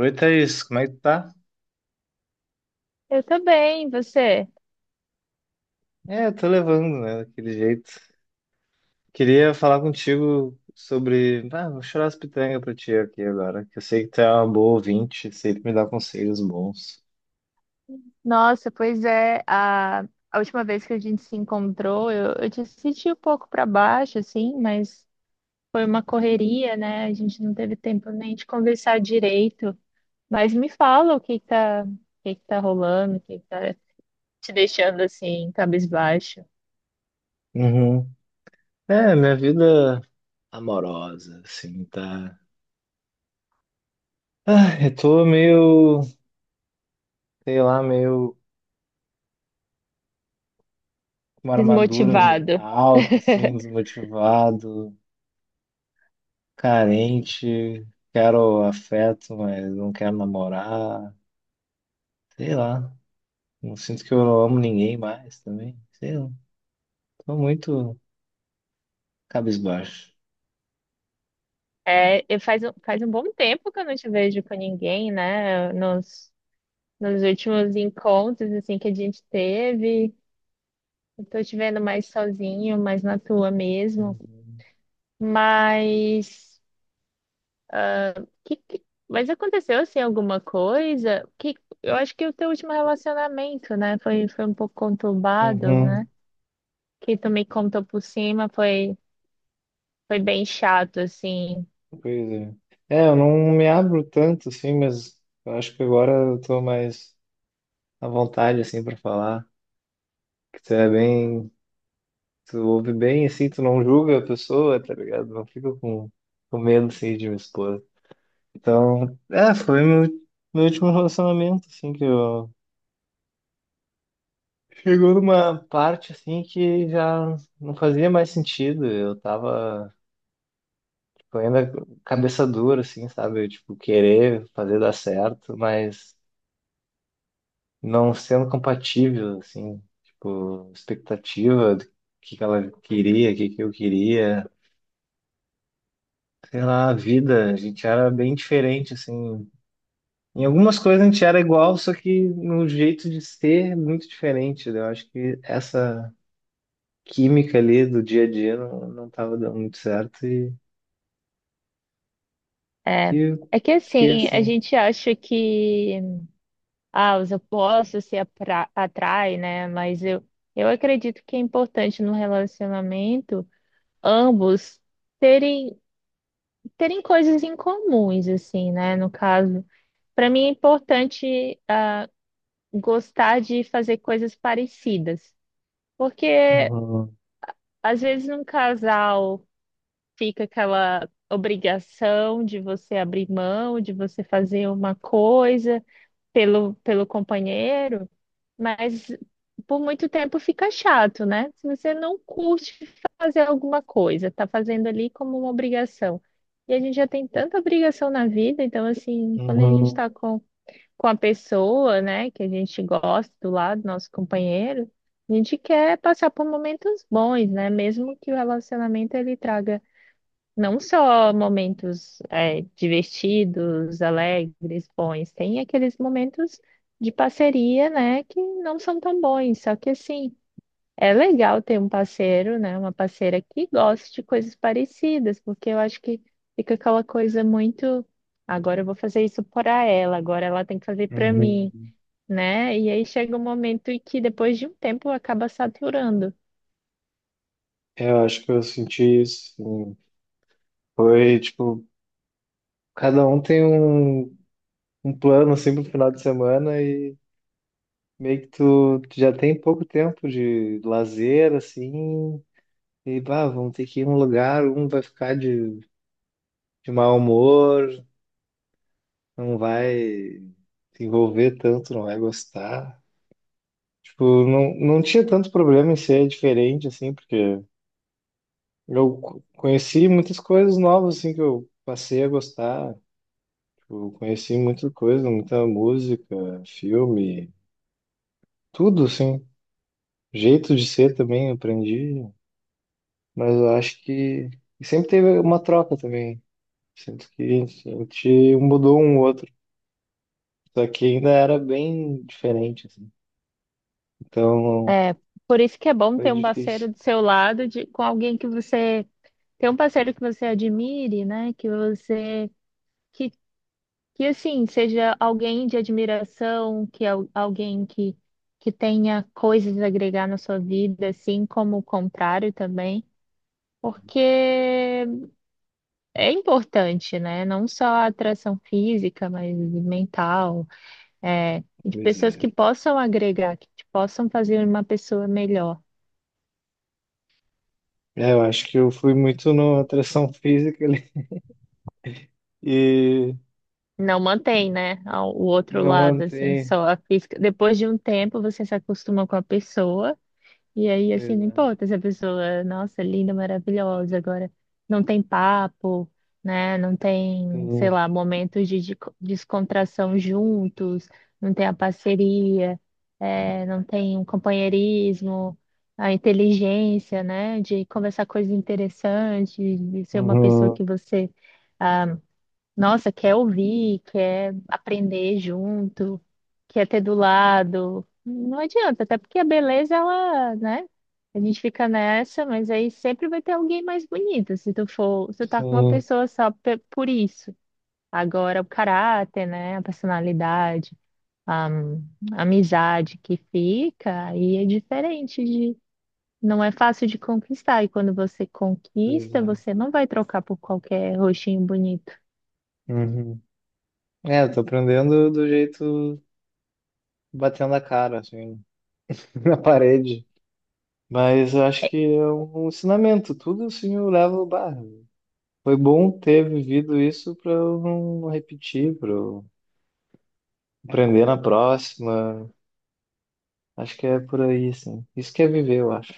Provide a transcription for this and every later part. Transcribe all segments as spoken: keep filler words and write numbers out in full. Oi, Thaís, como é que tu tá? Eu também, você? É, eu tô levando, né, daquele jeito. Queria falar contigo sobre... Ah, vou chorar as pitangas pra ti aqui agora, que eu sei que tu é uma boa ouvinte, sempre me dá conselhos bons. Nossa, pois é, a, a última vez que a gente se encontrou, eu, eu te senti um pouco para baixo, assim, mas foi uma correria, né? A gente não teve tempo nem de conversar direito. Mas me fala o que que tá, o que que tá rolando, o que que tá te deixando assim, cabisbaixo, Uhum. É, minha vida amorosa, assim, tá... Ah, eu tô meio, sei lá, meio com uma armadura desmotivado. alta, assim, desmotivado, carente, quero afeto, mas não quero namorar, sei lá. Não sinto que eu não amo ninguém mais também. Sei lá. Tô muito cabisbaixo. É, e faz, um- faz um bom tempo que eu não te vejo com ninguém, né? Nos, nos últimos encontros, assim, que a gente teve. Eu tô te vendo mais sozinho, mais na tua mesmo. Uhum. Mas que, que- mas aconteceu assim alguma coisa? Que eu acho que o teu último relacionamento, né, foi foi um pouco conturbado, Uhum. né? Que tu me contou por cima, foi foi bem chato assim. Pois é. É, eu não me abro tanto, assim, mas eu acho que agora eu tô mais à vontade, assim, pra falar. Que tu é bem, tu ouve bem, assim, tu não julga a pessoa, tá ligado? Não fica com, com medo, assim, de me expor. Então, é, foi meu, meu último relacionamento, assim, que eu chegou numa parte assim que já não fazia mais sentido. Eu tava, tipo, ainda cabeça dura, assim, sabe? Eu, tipo, querer fazer dar certo, mas não sendo compatível, assim, tipo, expectativa do que que ela queria, o que que eu queria. Sei lá, a vida, a gente era bem diferente, assim. Em algumas coisas a gente era igual, só que no jeito de ser, muito diferente, né? Eu acho que essa química ali do dia a dia não, não tava dando muito certo, e, e É. eu É que fiquei assim, a assim. gente acha que ah, os opostos se apra- atraem, né? Mas eu eu acredito que é importante no relacionamento ambos terem terem coisas em comuns, assim, né? No caso, para mim é importante ah, gostar de fazer coisas parecidas, porque Uhum, às vezes num casal fica aquela obrigação de você abrir mão, de você fazer uma coisa, pelo, pelo companheiro, mas por muito tempo fica chato, né? Se você não curte fazer alguma coisa, tá fazendo ali como uma obrigação. E a gente já tem tanta obrigação na vida, então, assim, quando a gente uhum, tá com, com a pessoa, né, que a gente gosta do lado, nosso companheiro, a gente quer passar por momentos bons, né? Mesmo que o relacionamento ele traga não só momentos é, divertidos, alegres, bons, tem aqueles momentos de parceria, né, que não são tão bons. Só que assim, é legal ter um parceiro, né, uma parceira que goste de coisas parecidas, porque eu acho que fica aquela coisa muito, agora eu vou fazer isso para ela, agora ela tem que fazer para mim, uhum. né? E aí chega um momento em que depois de um tempo acaba saturando. Eu acho que eu senti isso, sim. Foi tipo, cada um tem um, um plano assim pro final de semana e meio que tu, tu já tem pouco tempo de lazer assim. E bah, vamos ter que ir em um lugar, um vai ficar de, de mau humor, não vai se envolver tanto, não vai gostar. Tipo, não, não tinha tanto problema em ser diferente, assim, porque eu co- conheci muitas coisas novas, assim, que eu passei a gostar. Tipo, conheci muita coisa, muita música, filme, tudo, assim. Jeito de ser também, eu aprendi. Mas eu acho que e sempre teve uma troca também. Sinto que a gente mudou um outro. Só que ainda era bem diferente, assim. Então, É, por isso que é bom foi ter um difícil. parceiro do seu lado, de, com alguém que você ter um parceiro que você admire, né? Que você que, que assim seja alguém de admiração, que é al- alguém que que tenha coisas a agregar na sua vida, assim como o contrário também, porque é importante, né? Não só a atração física, mas mental, é, de Pois pessoas é. que possam agregar, que te possam fazer uma pessoa melhor. É, eu acho que eu fui muito na atração física ali. E Não mantém, né? ao- O outro não lado, assim, mantém. só a física. Depois de um tempo, você se acostuma com a pessoa, e aí, assim, Pois não é. importa se a pessoa, nossa, linda, maravilhosa, agora não tem papo, né? Não tem, sei Sim. lá, momentos de de- descontração juntos, não tem a parceria, é, não tem um companheirismo, a inteligência, né? De conversar coisas interessantes, de ser uma pessoa Uhum. que você. Ah, nossa, quer ouvir, quer aprender junto, quer ter do lado. Não adianta, até porque a beleza, ela, né? A gente fica nessa, mas aí sempre vai ter alguém mais bonito, se tu for, se tu tá com uma Sim. pessoa só pe- por isso. Agora, o caráter, né? A personalidade, a, a amizade que fica, aí é diferente de. Não é fácil de conquistar, e quando você Pois conquista, é. você não vai trocar por qualquer rostinho bonito. Uhum. É, eu tô aprendendo do jeito batendo a cara, assim, na parede. Mas eu acho que é um ensinamento. Tudo assim eu levo. Bah, foi bom ter vivido isso pra eu não repetir, pra eu aprender na próxima. Acho que é por aí, sim. Isso que é viver, eu acho.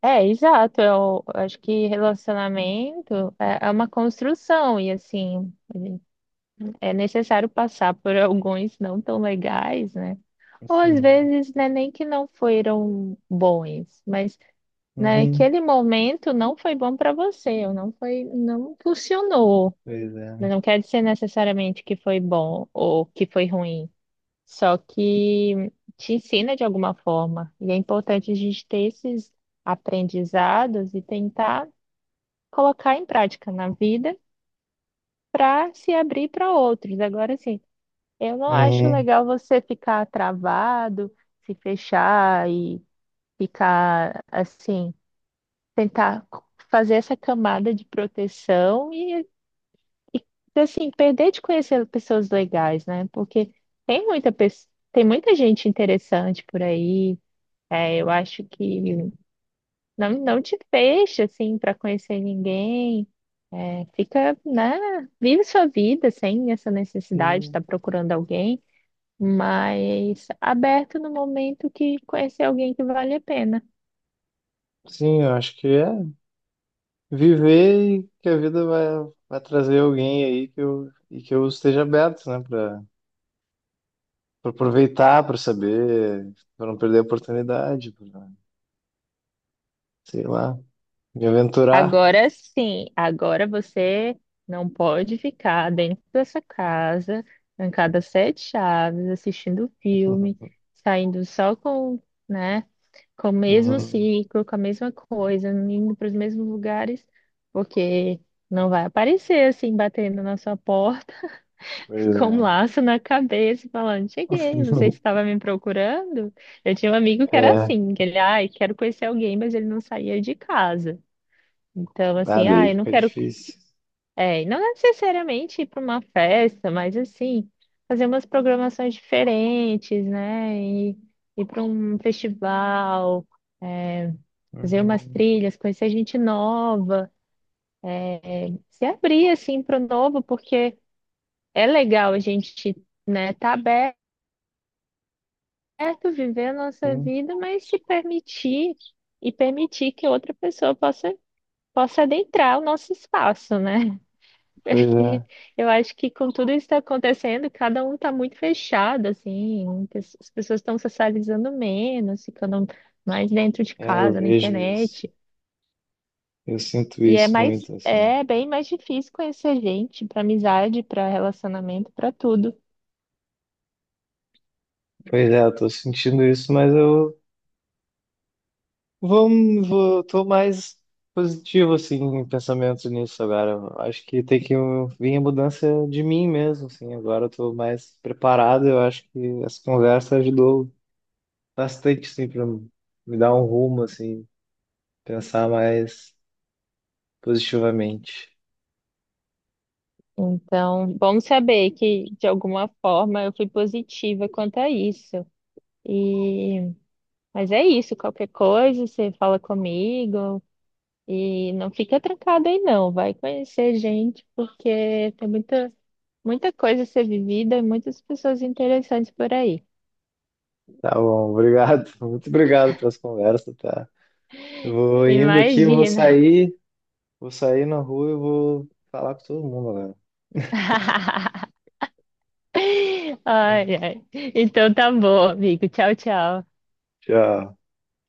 É, exato. Eu acho que relacionamento é é uma construção e assim, é necessário passar por alguns não tão legais, né? Ou às Uhum. vezes, né, nem que não foram bons, mas Uhum. naquele momento não foi bom para você, ou não foi, não funcionou. Pois Mas é. não quer dizer necessariamente que foi bom ou que foi ruim, só que te ensina de alguma forma. E é importante a gente ter esses aprendizados e tentar colocar em prática na vida para se abrir para outros. Agora, assim, eu não acho Uhum. legal você ficar travado, se fechar e ficar assim, tentar fazer essa camada de proteção e assim, perder de conhecer pessoas legais, né? Porque tem muita, pe- tem muita gente interessante por aí. É, eu acho que não, não te fecha, assim, para conhecer ninguém. É, fica, né? Vive sua vida sem essa necessidade de Sim, estar procurando alguém, mas aberto no momento que conhecer alguém que vale a pena. sim, eu acho que é viver, e que a vida vai, vai trazer alguém aí que eu, e que eu esteja aberto, né, para aproveitar, para saber, para não perder a oportunidade, pra, sei lá, me aventurar. Agora sim, agora você não pode ficar dentro dessa casa, trancada às sete chaves, assistindo filme, saindo só com, né? Com o mesmo Uhum. ciclo, com a mesma coisa, indo para os mesmos lugares, porque não vai aparecer assim, batendo na sua porta, Pois com um é. laço na cabeça, e falando: Cheguei, você estava me procurando? Eu tinha um amigo que era É, assim, que ele, ai, quero conhecer alguém, mas ele não saía de casa. Então, assim, nada ah, aí eu não fica quero. difícil. É, não necessariamente ir para uma festa, mas assim, fazer umas programações diferentes, né? E ir para um festival. É, fazer umas Uhum. trilhas, conhecer gente nova, se abrir assim para o novo, porque é legal a gente, né, tá aberto, viver a nossa Hum, vida, mas se permitir e permitir que outra pessoa possa possa adentrar o nosso espaço, né? pois Porque é. eu acho que com tudo isso que está acontecendo, cada um está muito fechado, assim, as pessoas estão socializando menos, ficando mais dentro de É, eu casa, na vejo isso. internet. Eu sinto E é isso mais, muito, assim. é bem mais difícil conhecer gente para amizade, para relacionamento, para tudo. Pois é, eu tô sentindo isso, mas eu vamos, vou, tô mais positivo, assim, em pensamento nisso agora. Eu acho que tem que vir a mudança de mim mesmo, assim. Agora eu tô mais preparado. Eu acho que essa conversa ajudou bastante, assim, pra me dar um rumo, assim, pensar mais positivamente. Então, bom saber que de alguma forma eu fui positiva quanto a isso. E, mas é isso, qualquer coisa você fala comigo e não fica trancado aí não, vai conhecer gente porque tem muita muita coisa a ser vivida e muitas pessoas interessantes por aí. Tá bom, obrigado. Muito obrigado pelas conversas, tá? Eu vou indo aqui, eu vou Imagina. sair, vou sair na rua e vou falar com todo mundo, né? Ai, ai. Então tá bom, amigo. Tchau, tchau. Tchau.